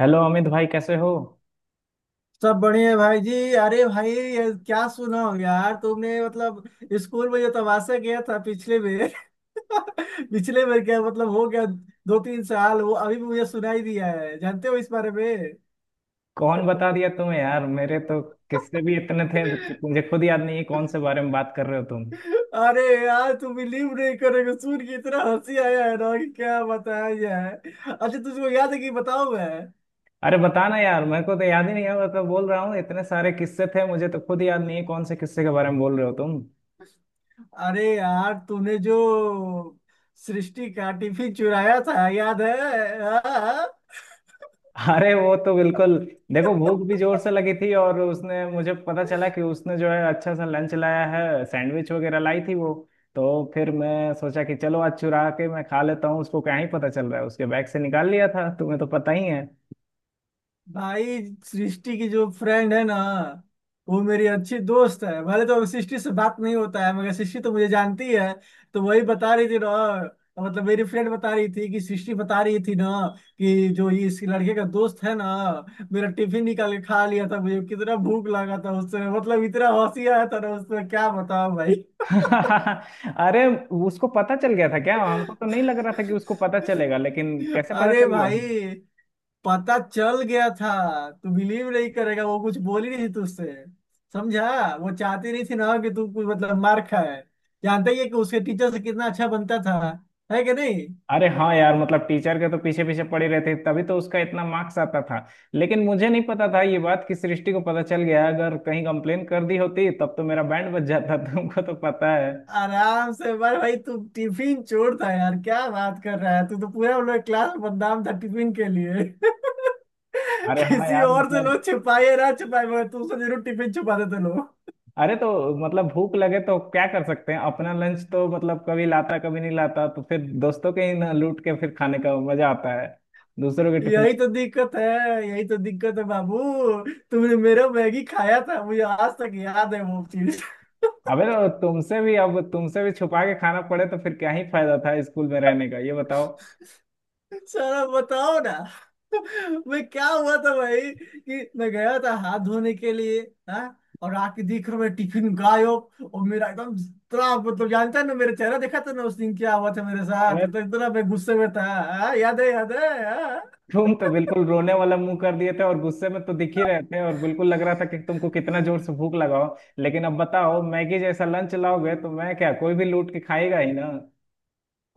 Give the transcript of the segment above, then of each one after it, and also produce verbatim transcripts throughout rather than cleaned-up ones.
Hello Amit भाई, कैसे हो? सब बढ़िया है भाई जी। अरे भाई, ये क्या सुना हो यार तुमने, मतलब स्कूल में जो तमाशा किया था पिछले में। पिछले में क्या मतलब हो गया। दो तीन साल वो अभी भी मुझे सुनाई दिया है, जानते हो इस बारे में? कौन बता दिया तुम्हें यार? मेरे तो किससे भी इतने थे कि मुझे खुद याद नहीं है कौन से बारे में बात कर रहे हो तुम। अरे यार, तुम बिलीव नहीं करोगे, सुन के इतना हंसी आया है ना कि क्या बताया जाए। अच्छा तुझको याद है कि बताओ मैं। अरे बताना यार, मेरे को तो याद ही नहीं है। मैं तो बोल रहा हूँ इतने सारे किस्से थे, मुझे तो खुद याद नहीं है कौन से किस्से के बारे में बोल रहे हो तुम। अरे यार, तूने जो सृष्टि का टिफिन चुराया था, याद है? हाँ? हाँ। अरे वो तो बिल्कुल। देखो, भूख भी जोर से लगी थी और उसने, मुझे पता चला कि उसने जो है अच्छा सा लंच लाया है, सैंडविच वगैरह लाई थी वो। तो फिर मैं सोचा कि चलो आज चुरा के मैं खा लेता हूँ, उसको क्या ही पता चल रहा है। उसके बैग से निकाल लिया था, तुम्हें तो पता ही है। भाई, सृष्टि की जो फ्रेंड है ना, वो मेरी अच्छी दोस्त है, भले तो सृष्टि से बात नहीं होता है मगर सृष्टि तो मुझे जानती है। तो वही बता रही थी ना। मतलब मेरी फ्रेंड बता रही थी कि सृष्टि बता रही थी ना, कि जो ये इस लड़के का दोस्त है ना, मेरा टिफिन निकाल के खा लिया था, मुझे कितना भूख लगा था उससे, मतलब इतना हंसी आया था ना उसमें, क्या बताऊं भाई। अरे, उसको पता चल गया था क्या? हमको तो नहीं लग रहा था कि उसको पता चलेगा, लेकिन कैसे पता अरे चल गया? भाई, पता चल गया था। तू बिलीव नहीं करेगा, वो कुछ बोली नहीं थी तुझसे, समझा? वो चाहती नहीं थी ना कि तू कुछ, मतलब मार खाए। जानता ही है कि उसके टीचर से कितना अच्छा बनता था, है कि नहीं। अरे हाँ यार, मतलब टीचर के तो पीछे पीछे पड़े रहते, तभी तो उसका इतना मार्क्स आता था। लेकिन मुझे नहीं पता था ये बात कि सृष्टि को पता चल गया। अगर कहीं कंप्लेन कर दी होती तब तो मेरा बैंड बज जाता, तुमको तो पता है। आराम से बार भाई, तू टिफिन चोर था यार, क्या बात कर रहा है, तू तो पूरा उन क्लास में बदनाम था टिफिन के लिए। अरे हाँ किसी यार, और से मतलब। लोग छिपाए ना छिपाए मगर तू से जरूर टिफिन छुपाते थे लोग। अरे तो मतलब, भूख लगे तो क्या कर सकते हैं? अपना लंच तो मतलब कभी लाता कभी नहीं लाता, तो फिर दोस्तों के ही ना लूट के फिर खाने का मजा आता है, दूसरों के टिफिन। यही तो दिक्कत है। यही तो दिक्कत है बाबू, तुमने मेरा मैगी खाया था, मुझे आज तक याद है वो चीज। अबे तो तुमसे भी, अब तुमसे भी छुपा के खाना पड़े तो फिर क्या ही फायदा था स्कूल में रहने का, ये बताओ। सारा बताओ ना, मैं क्या हुआ था भाई कि मैं गया था हाथ धोने के लिए। हाँ, और आके देख रहा हूं मैं, टिफिन गायब। और मेरा एकदम इतना, मतलब जानता है ना मेरा चेहरा, देखा था ना उस दिन क्या हुआ था मेरे साथ, अबे मतलब इतना मैं गुस्से में था। हाँ, याद है याद है हाँ। तुम तो बिल्कुल रोने वाला मुंह कर दिए थे और गुस्से में तो दिख ही रहे थे, और बिल्कुल लग रहा था कि तुमको कितना जोर से भूख लगाओ। लेकिन अब बताओ, मैगी जैसा लंच लाओगे तो मैं क्या, कोई भी लूट के खाएगा ही ना।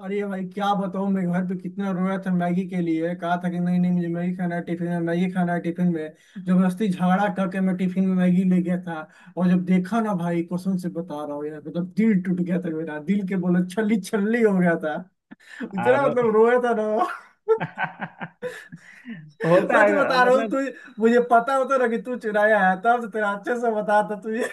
अरे भाई, क्या बताऊं, मैं घर पे कितना रोया था मैगी के लिए, कहा था कि नहीं नहीं, मुझे मैगी खाना है टिफिन में, मैगी खाना है टिफिन में। जबरदस्ती झगड़ा करके मैं टिफिन में मैगी ले गया था, और जब देखा ना भाई, कसम से बता रहा हूँ यार, मतलब दिल टूट गया था मेरा, दिल के बोले छल्ली छल्ली हो गया था, इतना अरे। मतलब रोया था ना। होता सच है बता रहा हूँ तू, मतलब। मुझे पता होता ना कि तू चुराया है तब तो तेरा अच्छे से बताता तुझे।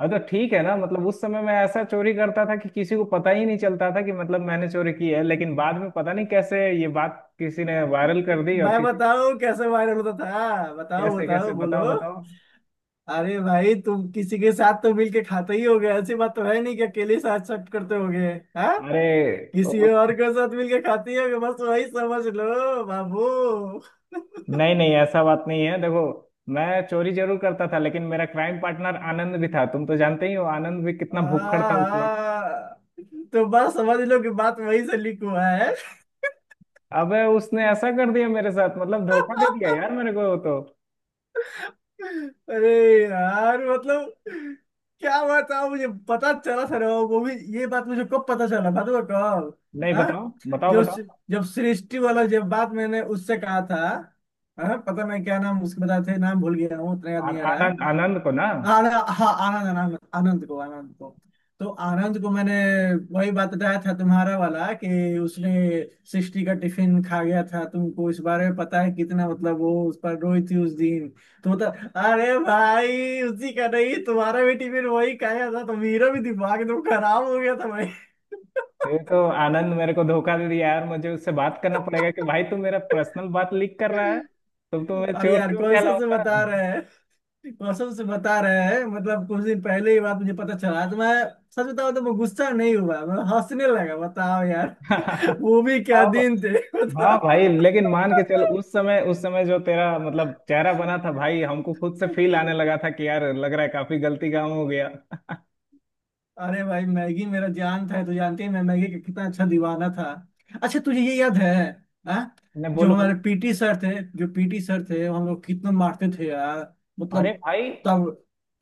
अब तो ठीक है ना, मतलब उस समय मैं ऐसा चोरी करता था कि किसी को पता ही नहीं चलता था कि मतलब मैंने चोरी की है। लेकिन बाद में पता नहीं कैसे ये बात किसी ने वायरल कर दी, और मैं किसी बताऊँ कैसे वायरल होता था, हाँ, बताओ कैसे बताओ कैसे बताओ, बोलो। बताओ। अरे भाई, तुम किसी के साथ तो मिलके खाते ही होगे, ऐसी बात तो है नहीं कि अकेले साथ सब करते होगे। हाँ, अरे किसी ओ, और के साथ मिलके खाते ही होगे, बस वही समझ लो बाबू। नहीं नहीं, ऐसा बात नहीं है, देखो। मैं चोरी जरूर करता था, लेकिन मेरा क्राइम पार्टनर आनंद भी था। तुम तो जानते ही हो, आनंद भी कितना हाँ, भुक्खड़ था उस वक्त। हाँ। तो बस समझ लो कि बात वही से लिख हुआ है। अबे उसने ऐसा कर दिया मेरे साथ, मतलब धोखा दे दिया यार मेरे को तो। अरे यार, मतलब क्या बात था, मुझे पता चला सर, वो भी ये बात मुझे कब पता चला, बात हुआ कब, नहीं, हाँ? बताओ, बताओ, जो बताओ। जब सृष्टि वाला जब बात मैंने उससे कहा था। हाँ, पता नहीं क्या नाम, उसके बताए थे नाम भूल गया हूँ, उतना याद आ, नहीं आ रहा आनंद, है। आनंद को ना। आनंद, हाँ, आनंद आनंद आनंद को आनंद को तो आनंद को मैंने वही बात बताया था, तुम्हारा वाला कि उसने सृष्टि का टिफिन खा गया था, तुमको इस बारे में पता है कितना, मतलब वो उस पर रोई थी उस दिन। तो मतलब अरे भाई, उसी का नहीं तुम्हारा भी टिफिन वही खाया था, तो मेरा भी दिमाग एकदम खराब हो गया था भाई। ये तो आनंद मेरे को धोखा दे दिया यार। मुझे उससे बात करना पड़ेगा कि भाई, तू मेरा पर्सनल बात लीक कर रहा है। तो तो मैं अरे चोर यार, चोर कौन सा से कहलाऊंगा। बता रहे हैं, कौन सा से बता रहे हैं, मतलब कुछ दिन पहले ही बात मुझे पता चला, तो मैं सच बताऊं तो मैं गुस्सा नहीं हुआ, मैं हंसने लगा, बताओ यार, वो भी क्या अब। दिन थे। हाँ बताओ। भाई, लेकिन मान के चल उस समय उस समय जो तेरा मतलब चेहरा बना था भाई, हमको खुद से फील आने लगा था कि यार लग रहा है काफी गलती काम हो गया। अरे भाई, मैगी मेरा जान था, तो जानती है मैं मैगी का कितना अच्छा दीवाना था। अच्छा तुझे ये याद है? हाँ। नहीं, जो बोलो, बोलो। हमारे पीटी सर थे, जो पीटी सर थे वो, हम लोग कितना मारते थे यार, मतलब अरे भाई। तब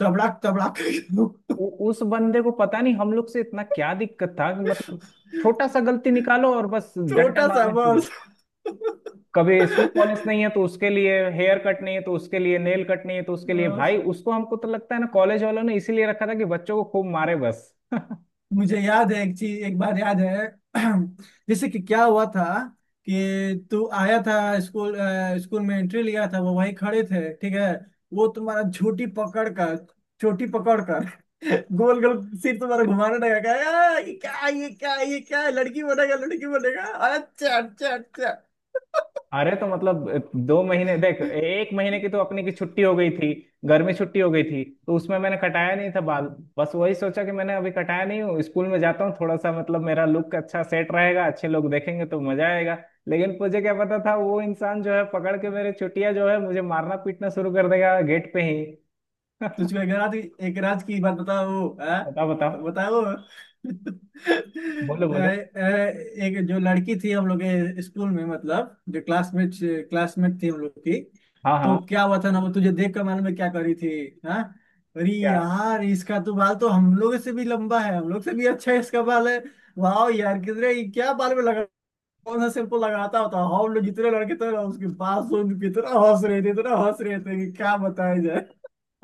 तबड़ाक तबड़ाक। उ, उस बंदे को पता नहीं हम लोग से इतना क्या दिक्कत था कि मतलब छोटा सा गलती निकालो और बस डंडा छोटा सा मारना शुरू। बस। कभी शू पॉलिश नहीं है तो उसके लिए, हेयर कट नहीं है तो उसके लिए, नेल कट नहीं है तो उसके लिए। भाई उसको, हमको तो लगता है ना कॉलेज वालों ने इसीलिए रखा था कि बच्चों को खूब मारे बस। मुझे याद है एक चीज एक बार, याद है? जैसे कि क्या हुआ था कि तू आया था स्कूल, अ, स्कूल में एंट्री लिया था, वो वहीं खड़े थे ठीक है, वो तुम्हारा झूठी पकड़ कर चोटी पकड़ कर, गोल गोल सिर तुम्हारा घुमाने लगा, कहा, "आ, ये क्या ये क्या ये क्या है? लड़की बनेगा लड़की बनेगा।" अच्छा अच्छा अच्छा। अरे तो मतलब दो महीने, देख एक महीने की तो अपनी की छुट्टी हो गई थी। गर्मी छुट्टी हो गई थी तो उसमें मैंने कटाया नहीं था बाल। बस वही सोचा कि मैंने अभी कटाया नहीं हूँ, स्कूल में जाता हूँ, थोड़ा सा मतलब मेरा लुक अच्छा सेट रहेगा, अच्छे लोग देखेंगे तो मजा आएगा। लेकिन मुझे क्या पता था वो इंसान जो है पकड़ के, मेरे छुट्टियां जो है, मुझे मारना पीटना शुरू कर देगा गेट पे ही। तुझको एक रात एक रात की बात बताओ, हाँ? बताओ, बताओ, बताओ। बोलो, तो, बोलो। ए- एक जो लड़की थी हम लोग के स्कूल में, मतलब जो क्लासमेट क्लासमेट थी हम लोग की, हाँ तो हाँ, क्या हुआ था ना, वो तुझे देख कर मालूम है क्या करी थी, हाँ? अरे क्या? यार, इसका तो बाल तो हम लोग से भी लंबा है, हम लोग से भी अच्छा है इसका बाल है, वाह यार, कितने क्या बाल में लगा, कौन सा शैम्पू लगाता होता, हम लोग जितने लड़के थे ना उसके बाल सुन के इतना हंस रहे थे, इतना हंस रहे थे कि क्या बताया जाए।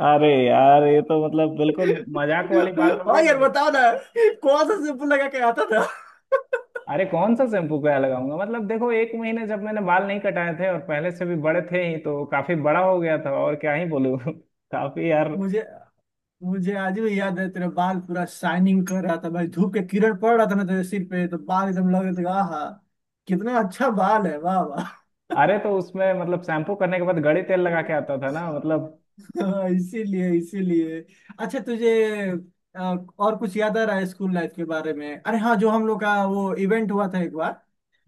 अरे यार, ये तो मतलब बिल्कुल मजाक वाली बात हो हाँ गई यार, मेरी। बताओ ना, कौन सा शैम्पू लगा के आता था। अरे कौन सा शैम्पू क्या लगाऊंगा, मतलब देखो एक महीने जब मैंने बाल नहीं कटाए थे और पहले से भी बड़े थे ही तो काफी बड़ा हो गया था, और क्या ही बोलूं। काफी यार। मुझे मुझे आज भी याद है तेरा बाल पूरा शाइनिंग कर रहा था भाई, धूप के किरण पड़ रहा था ना तेरे सिर पे, तो बाल एकदम लग रहे थे, आहा, कितना अच्छा बाल है, वाह वाह। अरे तो उसमें मतलब शैम्पू करने के बाद गड़ी तेल लगा के आता था ना, मतलब। हाँ, इसीलिए इसीलिए। अच्छा तुझे अ, और कुछ याद आ रहा है स्कूल लाइफ के बारे में? अरे हाँ, जो हम लोग का वो इवेंट हुआ था एक बार,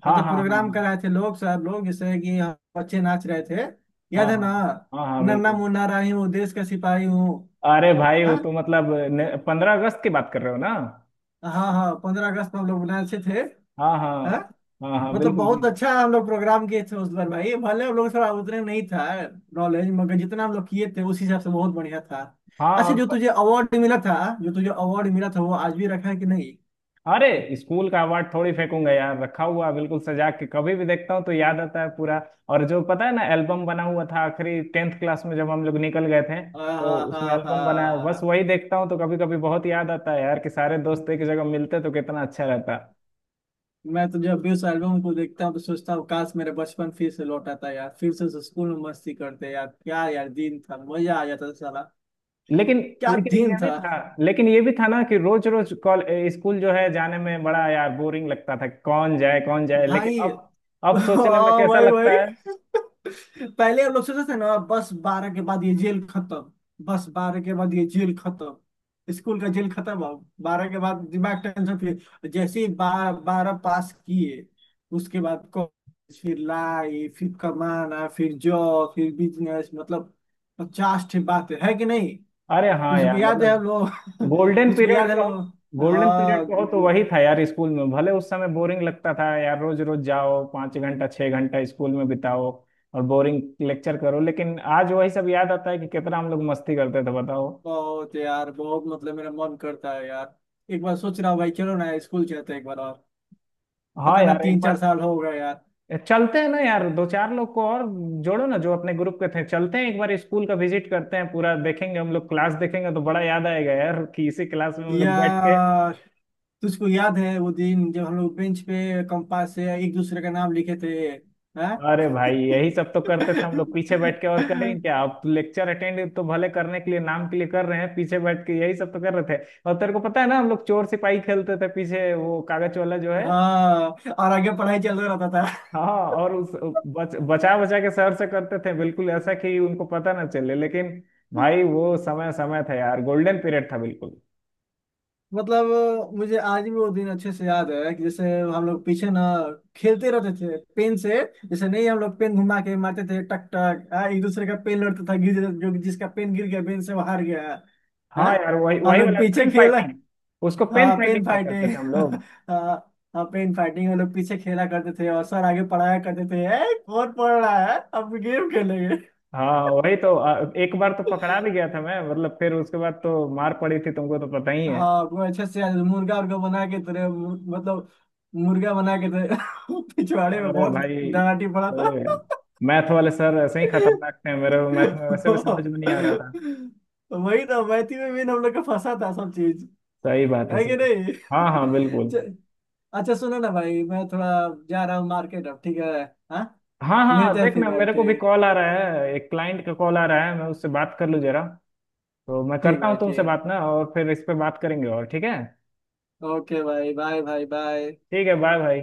हाँ मतलब हाँ, प्रोग्राम हाँ कराए थे लोग, सर लोग जैसे कि हम बच्चे नाच रहे थे, हाँ, याद है हाँ ना, हाँ, हाँ हाँ नन्ना बिल्कुल। मुन्ना राही हूँ देश का सिपाही हूँ। अरे भाई वो हाँ तो मतलब पंद्रह अगस्त की बात कर रहे हो ना। हाँ हाँ, पंद्रह अगस्त को हम लोग नाचे थे। हाँ हाँ, हाँ, हाँ हाँ मतलब बिल्कुल बहुत बिल्कुल। अच्छा हम लोग प्रोग्राम किए थे उस बार भाई, भले हम लोग थोड़ा उतने नहीं था नॉलेज, मगर जितना हम लोग किए थे उस हिसाब से बहुत बढ़िया था। हाँ, अच्छा जो और। तुझे अवार्ड मिला था, जो तुझे अवार्ड मिला था वो आज भी रखा है कि नहीं? अरे स्कूल का अवार्ड थोड़ी फेंकूंगा यार, रखा हुआ बिल्कुल सजा के, कभी भी देखता हूँ तो याद आता है पूरा। और जो पता है ना एल्बम बना हुआ था आखिरी टेंथ क्लास में जब हम लोग निकल गए थे, हाँ तो हाँ उसमें हाँ एल्बम बना है, बस हाँ। वही देखता हूँ तो कभी कभी बहुत याद आता है यार कि सारे दोस्त एक जगह मिलते तो कितना अच्छा रहता। मैं तो जब भी उस एल्बम को देखता हूँ तो सोचता हूँ काश मेरे बचपन फिर से लौट आता यार, फिर से स्कूल में मस्ती करते यार, क्या यार दिन था, मजा आ जाता था साला, लेकिन क्या लेकिन दिन ये भी था था। लेकिन ये भी था ना कि रोज रोज कॉल स्कूल जो है जाने में बड़ा यार बोरिंग लगता था, कौन जाए कौन जाए। लेकिन भाई। अब अब सोचने में हाँ कैसा भाई लगता भाई, है? पहले हम लोग सोचते थे ना बस बारह के बाद ये जेल खत्म, बस बारह के बाद ये जेल खत्म, स्कूल का जेल खत्म। अब बारह के बाद दिमाग टेंशन, फिर जैसे ही बारह बारह पास किए, उसके बाद कॉलेज, फिर लाइफ, फिर कमाना, फिर जॉब, फिर बिजनेस, मतलब पचास ठे बात है, है कि नहीं। अरे हाँ तुझको यार, याद है मतलब हम लोग, गोल्डन तुझको पीरियड याद है हम कहो, लोग, गोल्डन पीरियड हाँ? कहो तो वही था यार, स्कूल में भले उस समय बोरिंग लगता था यार, रोज रोज जाओ, पाँच घंटा छह घंटा स्कूल में बिताओ, और बोरिंग लेक्चर करो, लेकिन आज वही सब याद आता है कि कितना हम लोग मस्ती करते थे, बताओ। बहुत यार, बहुत मतलब मेरा मन करता है यार, एक बार सोच रहा हूँ भाई चलो ना स्कूल चलते हैं एक बार और, हाँ पता ना यार, एक तीन चार बार साल हो गए यार। चलते हैं ना यार, दो चार लोग को और जोड़ो ना जो अपने ग्रुप के थे, चलते हैं एक बार स्कूल का विजिट करते हैं, पूरा देखेंगे हम लोग, क्लास देखेंगे तो बड़ा याद आएगा यार कि इसी क्लास में हम लोग बैठ के। यार तुझको याद है वो दिन जब हम लोग बेंच पे कंपास से एक दूसरे का नाम लिखे थे? हाँ। अरे भाई यही सब तो करते थे हम लोग पीछे बैठ के, और करें क्या, आप लेक्चर अटेंड तो भले करने के लिए नाम के लिए कर रहे हैं, पीछे बैठ के यही सब तो कर रहे थे। और तेरे को पता है ना हम लोग चोर सिपाही खेलते थे पीछे, वो कागज वाला जो है। हाँ, और आगे पढ़ाई चल रहा था। हाँ। और उस बच, बचा बचा के सर से करते थे बिल्कुल ऐसा कि उनको पता ना चले, लेकिन भाई वो समय समय था यार, गोल्डन पीरियड था बिल्कुल। मतलब मुझे आज भी वो दिन अच्छे से याद है, कि जैसे हम लोग पीछे ना खेलते रहते थे पेन से, जैसे नहीं, हम लोग पेन घुमा के मारते थे टक टक, आ, एक दूसरे का पेन लड़ता था गिर, जो जिसका पेन गिर गया पेन से वो हार गया। हाँ, हाँ यार, वही हम वही लोग वाला पीछे पेन खेल, फाइटिंग। उसको पेन हाँ फाइटिंग पेन में करते फाइटिंग। थे हम लोग। हाँ हाँ पेन फाइटिंग हम लोग पीछे खेला करते थे, और सर आगे पढ़ाया करते थे, ए, कौन पढ़ रहा है, अब गेम खेलेंगे। हाँ वही तो। अ, एक बार तो पकड़ा भी गया था मैं, मतलब फिर उसके बाद तो मार पड़ी थी, तुमको तो पता ही है। हाँ वो अच्छे से आज मुर्गा उर्गा बना के तेरे मुर- मतलब मुर्गा बना के तेरे पिछवाड़े में अरे बहुत भाई डराटी पड़ा था। छोड़ो यार। मैथ वाले सर ऐसे ही खतरनाक थे, मेरे को मैथ में वैसे भी समझ में नहीं आ रहा था। वही ना मैथी में भी हम लोग का फंसा था सब चीज, सही बात है, है कि सही। नहीं? हाँ हाँ, बिल्कुल। च- अच्छा सुनो ना भाई, मैं थोड़ा जा रहा हूँ मार्केट अब, ठीक है? हाँ, हाँ हाँ, मिलते हैं देख फिर ना भाई, मेरे को भी ठीक। कॉल आ रहा है, एक क्लाइंट का कॉल आ रहा है, मैं उससे बात कर लूँ जरा। तो मैं ठीक करता हूँ भाई ठीक तुमसे है, बात ना, और फिर इस पे बात करेंगे, और ठीक है। ओके भाई बाय, भाई बाय। ठीक है, बाय भाई।